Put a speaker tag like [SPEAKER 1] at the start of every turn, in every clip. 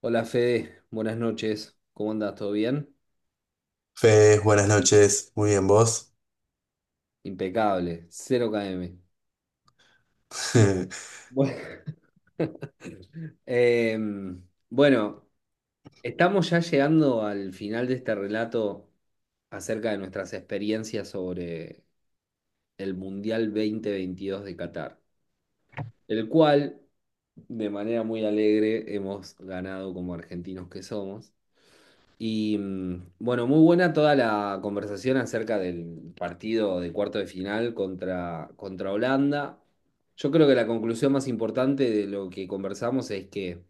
[SPEAKER 1] Hola Fede, buenas noches. ¿Cómo andas? ¿Todo bien?
[SPEAKER 2] Fede, buenas noches, muy bien vos.
[SPEAKER 1] Impecable, cero km.
[SPEAKER 2] ¿Quién
[SPEAKER 1] Bueno, Em, bueno, estamos ya llegando al final de este relato acerca de nuestras experiencias sobre el Mundial 2022 de Qatar, el cual, de manera muy alegre, hemos ganado como argentinos que somos. Y bueno, muy buena toda la conversación acerca del partido de cuarto de final contra Holanda. Yo creo que la conclusión más importante de lo que conversamos es que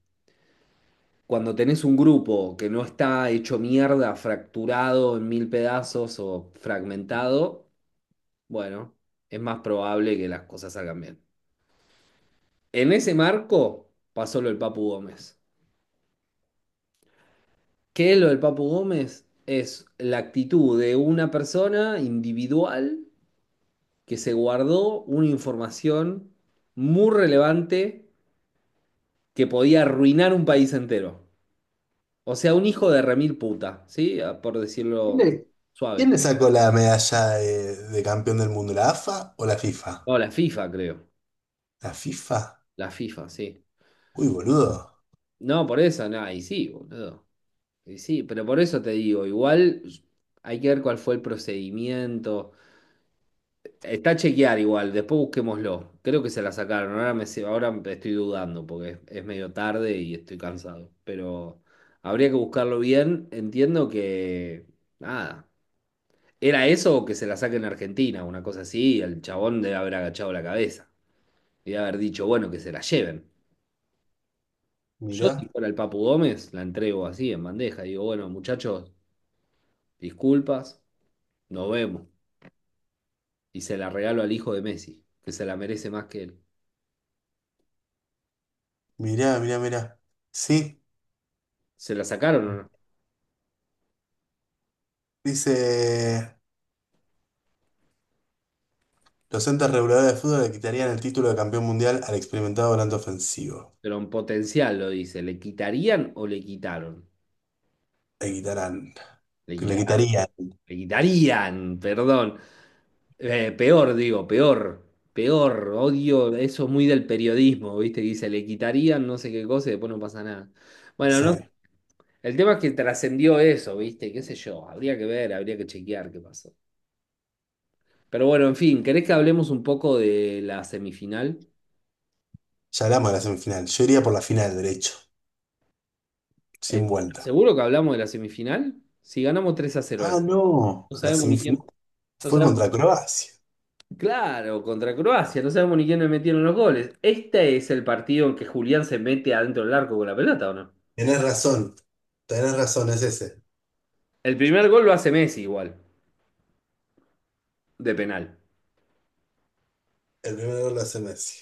[SPEAKER 1] cuando tenés un grupo que no está hecho mierda, fracturado en mil pedazos o fragmentado, bueno, es más probable que las cosas salgan bien. En ese marco pasó lo del Papu Gómez. ¿Qué es lo del Papu Gómez? Es la actitud de una persona individual que se guardó una información muy relevante que podía arruinar un país entero. O sea, un hijo de remil puta, ¿sí? Ah, por decirlo
[SPEAKER 2] le, quién
[SPEAKER 1] suave.
[SPEAKER 2] le sacó la medalla de campeón del mundo? ¿La AFA o la FIFA?
[SPEAKER 1] No, la FIFA, creo.
[SPEAKER 2] ¿La FIFA?
[SPEAKER 1] La FIFA, sí.
[SPEAKER 2] Uy, boludo.
[SPEAKER 1] No, por eso, no, y sí, boludo. Y sí, pero por eso te digo, igual hay que ver cuál fue el procedimiento. Está a chequear igual, después busquémoslo. Creo que se la sacaron. Ahora ahora me estoy dudando porque es medio tarde y estoy cansado. Pero habría que buscarlo bien. Entiendo que. Nada. ¿Era eso o que se la saquen a Argentina? Una cosa así. Y el chabón debe haber agachado la cabeza y debe haber dicho, bueno, que se la lleven. Yo, si
[SPEAKER 2] Mirá,
[SPEAKER 1] fuera el Papu Gómez, la entrego así en bandeja. Digo, bueno, muchachos, disculpas, nos vemos. Y se la regalo al hijo de Messi, que se la merece más que él.
[SPEAKER 2] mirá, mirá, mirá. Sí,
[SPEAKER 1] ¿Se la sacaron o no?
[SPEAKER 2] dice, los entes reguladores de fútbol le quitarían el título de campeón mundial al experimentado volante ofensivo.
[SPEAKER 1] Pero en potencial lo dice. ¿Le quitarían o le quitaron?
[SPEAKER 2] Le quitarán,
[SPEAKER 1] Le
[SPEAKER 2] le
[SPEAKER 1] quitarían,
[SPEAKER 2] quitarían,
[SPEAKER 1] perdón. Peor, digo, peor. Odio, eso es muy del periodismo, ¿viste? Dice, le quitarían no sé qué cosa y después no pasa nada.
[SPEAKER 2] no
[SPEAKER 1] Bueno, no,
[SPEAKER 2] sé.
[SPEAKER 1] el tema es que trascendió eso, ¿viste? ¿Qué sé yo? Habría que ver, habría que chequear qué pasó. Pero bueno, en fin, ¿querés que hablemos un poco de la semifinal?
[SPEAKER 2] Ya hablamos de la semifinal. Yo iría por la final, derecho, sin
[SPEAKER 1] El-
[SPEAKER 2] vuelta.
[SPEAKER 1] ¿Seguro que hablamos de la semifinal? Si ganamos 3 a cero la
[SPEAKER 2] Ah,
[SPEAKER 1] semifinal.
[SPEAKER 2] no,
[SPEAKER 1] No
[SPEAKER 2] la
[SPEAKER 1] sabemos ni quién,
[SPEAKER 2] semifinal
[SPEAKER 1] no
[SPEAKER 2] fue
[SPEAKER 1] sabemos.
[SPEAKER 2] contra Croacia.
[SPEAKER 1] Claro, contra Croacia, no sabemos ni quién le metieron los goles. Este es el partido en que Julián se mete adentro del arco con la pelota, ¿o no?
[SPEAKER 2] Tienes razón, tienes razón, es ese.
[SPEAKER 1] El primer gol lo hace Messi igual, de penal.
[SPEAKER 2] El primero lo hace Messi.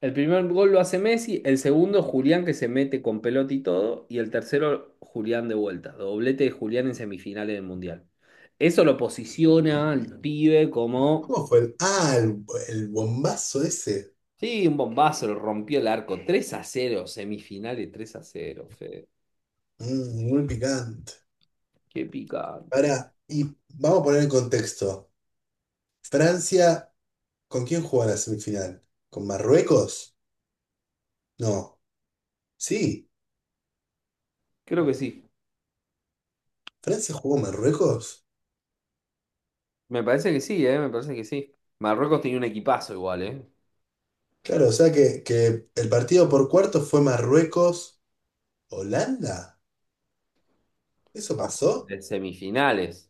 [SPEAKER 1] El primer gol lo hace Messi, el segundo Julián que se mete con pelota y todo, y el tercero Julián de vuelta, doblete de Julián en semifinales del Mundial. Eso lo posiciona al pibe como,
[SPEAKER 2] ¿Cómo fue el...? Ah, el bombazo ese.
[SPEAKER 1] sí, un bombazo, lo rompió el arco, 3 a cero, semifinales 3 a cero, Fede.
[SPEAKER 2] Muy picante.
[SPEAKER 1] Qué picante.
[SPEAKER 2] Ahora, y vamos a poner en contexto. Francia, ¿con quién jugó la semifinal? ¿Con Marruecos? No. Sí,
[SPEAKER 1] Creo que sí.
[SPEAKER 2] Francia jugó Marruecos.
[SPEAKER 1] Me parece que sí, ¿eh? Me parece que sí. Marruecos tenía un equipazo igual, ¿eh?
[SPEAKER 2] Claro, o sea que el partido por cuarto fue Marruecos-Holanda. ¿Eso
[SPEAKER 1] Vamos.
[SPEAKER 2] pasó?
[SPEAKER 1] De semifinales.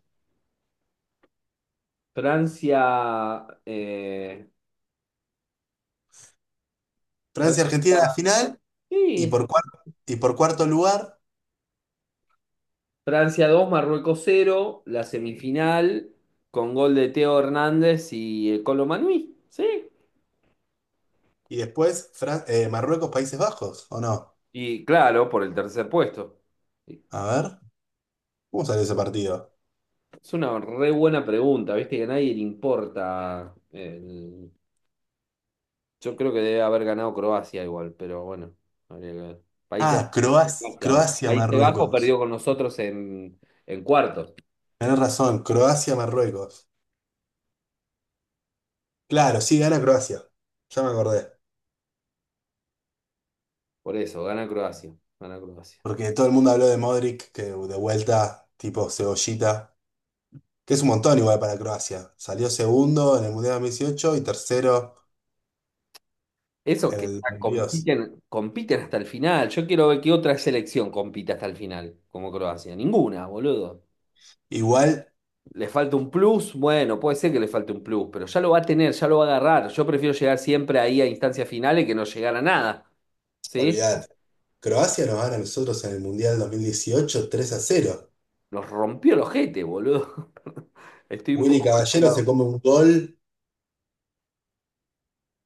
[SPEAKER 1] Francia, eh,
[SPEAKER 2] Francia-Argentina en
[SPEAKER 1] Francia,
[SPEAKER 2] la final y
[SPEAKER 1] sí,
[SPEAKER 2] por cuarto, y por cuarto lugar.
[SPEAKER 1] Francia 2, Marruecos cero la semifinal con gol de Teo Hernández y el Colo Manui, ¿sí?
[SPEAKER 2] Y después Marruecos, Países Bajos, ¿o no?
[SPEAKER 1] Y claro, por el tercer puesto.
[SPEAKER 2] A ver, ¿cómo salió ese partido?
[SPEAKER 1] Es una re buena pregunta, ¿viste? Que a nadie le importa el- Yo creo que debe haber ganado Croacia igual, pero bueno, habría que ver. Países,
[SPEAKER 2] Ah, Croacia,
[SPEAKER 1] Croacia, boludo.
[SPEAKER 2] Croacia,
[SPEAKER 1] Países Bajos
[SPEAKER 2] Marruecos.
[SPEAKER 1] perdió con nosotros en cuartos.
[SPEAKER 2] Tenés razón, Croacia, Marruecos. Claro, sí, gana Croacia. Ya me acordé.
[SPEAKER 1] Por eso, gana Croacia. Gana Croacia.
[SPEAKER 2] Porque todo el mundo habló de Modric, que de vuelta, tipo cebollita, que es un montón igual para Croacia. Salió segundo en el Mundial 2018 y tercero
[SPEAKER 1] Esos
[SPEAKER 2] en
[SPEAKER 1] que
[SPEAKER 2] el
[SPEAKER 1] está-
[SPEAKER 2] 22.
[SPEAKER 1] compiten hasta el final. Yo quiero ver qué otra selección compite hasta el final, como Croacia. Ninguna, boludo.
[SPEAKER 2] Igual,
[SPEAKER 1] ¿Le falta un plus? Bueno, puede ser que le falte un plus, pero ya lo va a tener, ya lo va a agarrar. Yo prefiero llegar siempre ahí a instancias finales que no llegar a nada. ¿Sí?
[SPEAKER 2] olvidad, Croacia nos gana a nosotros en el Mundial 2018 3-0.
[SPEAKER 1] Nos rompió el ojete, boludo. Estoy un
[SPEAKER 2] Willy
[SPEAKER 1] poco mal
[SPEAKER 2] Caballero se
[SPEAKER 1] hablado.
[SPEAKER 2] come un gol.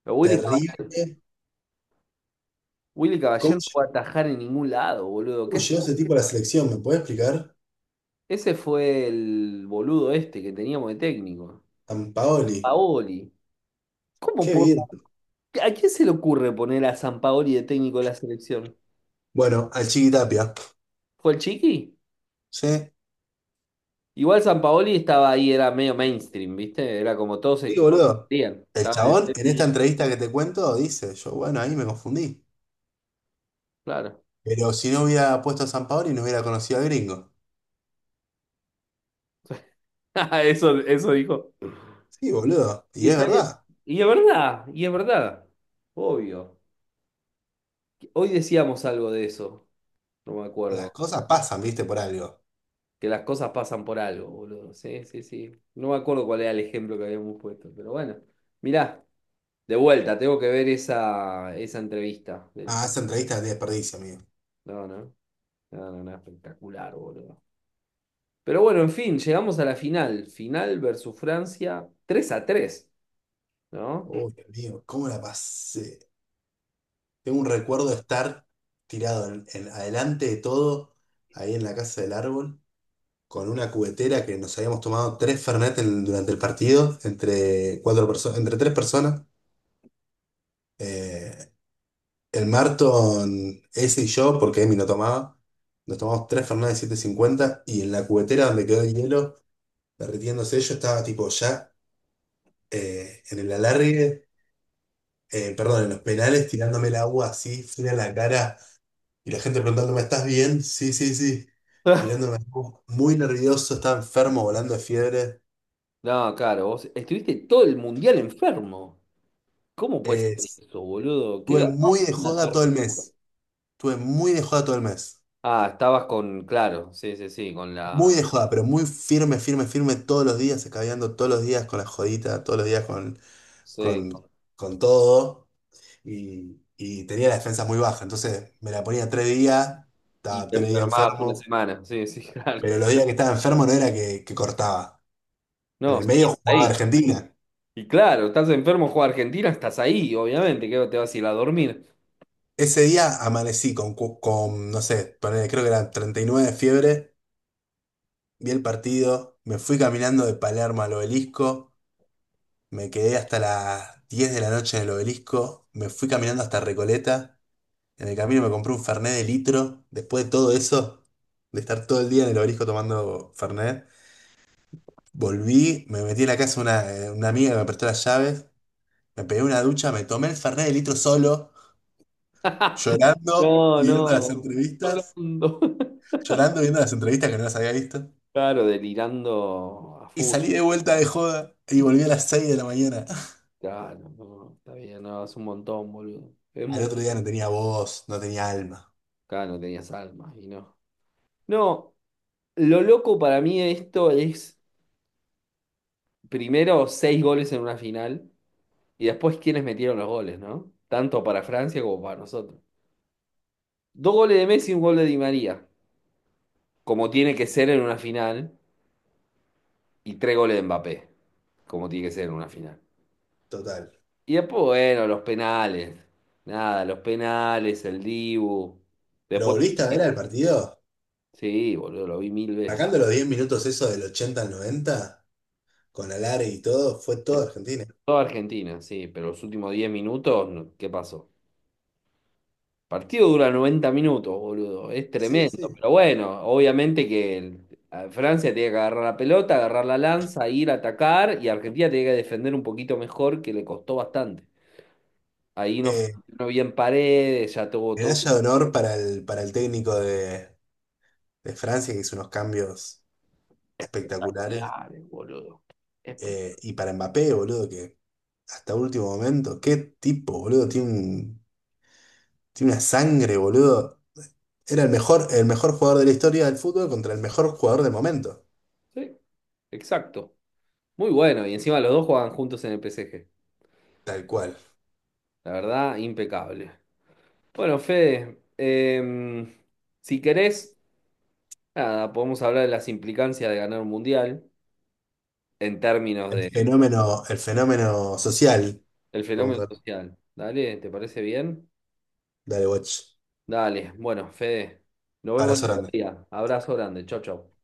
[SPEAKER 1] Pero Willy,
[SPEAKER 2] Terrible.
[SPEAKER 1] Cab- Willy Caballero
[SPEAKER 2] ¿Cómo
[SPEAKER 1] no puede
[SPEAKER 2] llegó
[SPEAKER 1] atajar en ningún lado, boludo. ¿Qué
[SPEAKER 2] llegó
[SPEAKER 1] hacía?
[SPEAKER 2] ese tipo a la selección? ¿Me puede explicar?
[SPEAKER 1] Ese fue el boludo este que teníamos de técnico.
[SPEAKER 2] Sampaoli.
[SPEAKER 1] Paoli. ¿Cómo
[SPEAKER 2] Qué
[SPEAKER 1] po-
[SPEAKER 2] bien.
[SPEAKER 1] ¿A quién se le ocurre poner a Paoli de técnico de la selección?
[SPEAKER 2] Bueno, al Chiqui Tapia.
[SPEAKER 1] ¿Fue el Chiqui?
[SPEAKER 2] Sí.
[SPEAKER 1] Igual Paoli estaba ahí, era medio mainstream, ¿viste? Era como
[SPEAKER 2] Sí,
[SPEAKER 1] todos
[SPEAKER 2] boludo.
[SPEAKER 1] querían.
[SPEAKER 2] El
[SPEAKER 1] Estaba en el
[SPEAKER 2] chabón, en esta
[SPEAKER 1] tenis,
[SPEAKER 2] entrevista que te cuento, dice, yo, bueno, ahí me confundí.
[SPEAKER 1] claro.
[SPEAKER 2] Pero si no hubiera puesto a Sampaoli, no hubiera conocido al gringo.
[SPEAKER 1] Eso dijo.
[SPEAKER 2] Sí, boludo.
[SPEAKER 1] Y
[SPEAKER 2] Y es
[SPEAKER 1] está bien.
[SPEAKER 2] verdad.
[SPEAKER 1] Y es verdad, y es verdad. Obvio. Hoy decíamos algo de eso, no me
[SPEAKER 2] Las
[SPEAKER 1] acuerdo.
[SPEAKER 2] cosas pasan, viste, por algo.
[SPEAKER 1] Que las cosas pasan por algo, boludo. Sí, sí, sí. No me acuerdo cuál era el ejemplo que habíamos puesto, pero bueno. Mirá, de vuelta, tengo que ver esa entrevista del
[SPEAKER 2] Ah,
[SPEAKER 1] chico.
[SPEAKER 2] esa entrevista de desperdicio, amigo.
[SPEAKER 1] No, no, no, no, no, espectacular, boludo. Pero bueno, en fin, llegamos a la final. Final versus Francia, tres a 3, ¿no?
[SPEAKER 2] Uy, amigo, ¿cómo la pasé? Tengo un recuerdo de estar adelante de todo, ahí en la casa del árbol, con una cubetera que nos habíamos tomado tres Fernet durante el partido, entre tres personas. Eh, el Marton, ese y yo, porque Emi no tomaba, nos tomamos 3 Fernet de 750 y en la cubetera donde quedó el hielo derritiéndose, yo estaba tipo ya en el alargue, perdón, en los penales, tirándome el agua así, fría en la cara, y la gente preguntándome, ¿estás bien? Sí, sí, sí. Tirándome agua, muy nervioso, estaba enfermo, volando de fiebre.
[SPEAKER 1] No, claro, vos estuviste todo el mundial enfermo. ¿Cómo puede
[SPEAKER 2] Eh,
[SPEAKER 1] ser
[SPEAKER 2] Estuve
[SPEAKER 1] eso, boludo? Qué garrón,
[SPEAKER 2] muy de
[SPEAKER 1] una
[SPEAKER 2] joda todo el
[SPEAKER 1] tortura.
[SPEAKER 2] mes. Estuve muy de joda todo el mes.
[SPEAKER 1] Ah, estabas con, claro, sí, sí, sí, con la,
[SPEAKER 2] Muy de joda, pero muy firme, firme, firme todos los días, escabeando todos los días con la jodita, todos los días
[SPEAKER 1] sí,
[SPEAKER 2] con,
[SPEAKER 1] con-
[SPEAKER 2] con todo. Y tenía la defensa muy baja. Entonces me la ponía tres días,
[SPEAKER 1] y
[SPEAKER 2] estaba
[SPEAKER 1] te
[SPEAKER 2] tres días
[SPEAKER 1] enfermabas una
[SPEAKER 2] enfermo.
[SPEAKER 1] semana, sí, sí, claro.
[SPEAKER 2] Pero los días que estaba enfermo no era que cortaba. En
[SPEAKER 1] No,
[SPEAKER 2] el
[SPEAKER 1] sí,
[SPEAKER 2] medio jugaba
[SPEAKER 1] ahí.
[SPEAKER 2] Argentina.
[SPEAKER 1] Y claro, estás enfermo, juega Argentina, estás ahí, obviamente, que te vas a ir a dormir.
[SPEAKER 2] Ese día amanecí con no sé, ponele, creo que eran 39 de fiebre. Vi el partido, me fui caminando de Palermo al Obelisco. Me quedé hasta las 10 de la noche en el obelisco, me fui caminando hasta Recoleta, en el camino me compré un Fernet de litro, después de todo eso, de estar todo el día en el obelisco tomando Fernet, volví, me metí en la casa de una amiga que me prestó las llaves, me pegué una ducha, me tomé el Fernet de litro solo, llorando,
[SPEAKER 1] No,
[SPEAKER 2] viendo las
[SPEAKER 1] no,
[SPEAKER 2] entrevistas,
[SPEAKER 1] llorando.
[SPEAKER 2] llorando, viendo las entrevistas que no las había visto,
[SPEAKER 1] Claro, delirando a
[SPEAKER 2] y
[SPEAKER 1] full.
[SPEAKER 2] salí de vuelta de joda y volví a las 6 de la mañana.
[SPEAKER 1] Claro, no, está bien, no, es un montón, boludo. Es
[SPEAKER 2] Al
[SPEAKER 1] mucho.
[SPEAKER 2] otro día no tenía voz, no tenía alma,
[SPEAKER 1] Claro, no tenías alma y no. No, lo loco para mí de esto es, primero, seis goles en una final. Y después, ¿quiénes metieron los goles, no? Tanto para Francia como para nosotros. Dos goles de Messi y un gol de Di María, como tiene que ser en una final, y tres goles de Mbappé, como tiene que ser en una final.
[SPEAKER 2] total.
[SPEAKER 1] Y después, bueno, los penales. Nada, los penales, el Dibu.
[SPEAKER 2] ¿Lo
[SPEAKER 1] Después,
[SPEAKER 2] volviste a ver al partido?
[SPEAKER 1] sí, boludo, lo vi mil veces.
[SPEAKER 2] Sacando los 10 minutos esos del 80 al 90 con Alare y todo, fue todo Argentina.
[SPEAKER 1] Toda Argentina, sí, pero los últimos 10 minutos, no, ¿qué pasó? Partido dura 90 minutos, boludo. Es
[SPEAKER 2] Sí,
[SPEAKER 1] tremendo.
[SPEAKER 2] sí.
[SPEAKER 1] Pero bueno, obviamente que el- a Francia tiene que agarrar la pelota, agarrar la lanza, ir a atacar y Argentina tiene que defender un poquito mejor, que le costó bastante. Ahí no
[SPEAKER 2] Eh,
[SPEAKER 1] funcionó bien Paredes, ya tuvo todo.
[SPEAKER 2] medalla de honor para el técnico de Francia, que hizo unos cambios espectaculares.
[SPEAKER 1] Claro, boludo. Espe-
[SPEAKER 2] Y para Mbappé, boludo, que hasta último momento, qué tipo, boludo, tiene una sangre, boludo. Era el mejor jugador de la historia del fútbol contra el mejor jugador de momento.
[SPEAKER 1] Sí, exacto. Muy bueno. Y encima los dos juegan juntos en el PSG.
[SPEAKER 2] Tal cual.
[SPEAKER 1] La verdad, impecable. Bueno, Fede, si querés, nada, podemos hablar de las implicancias de ganar un mundial. En términos de
[SPEAKER 2] El fenómeno social.
[SPEAKER 1] el fenómeno social. Dale, ¿te parece bien?
[SPEAKER 2] Dale, watch.
[SPEAKER 1] Dale, bueno, Fede, nos vemos
[SPEAKER 2] Abrazo
[SPEAKER 1] en otro
[SPEAKER 2] grande.
[SPEAKER 1] día. Abrazo grande, chau, chau.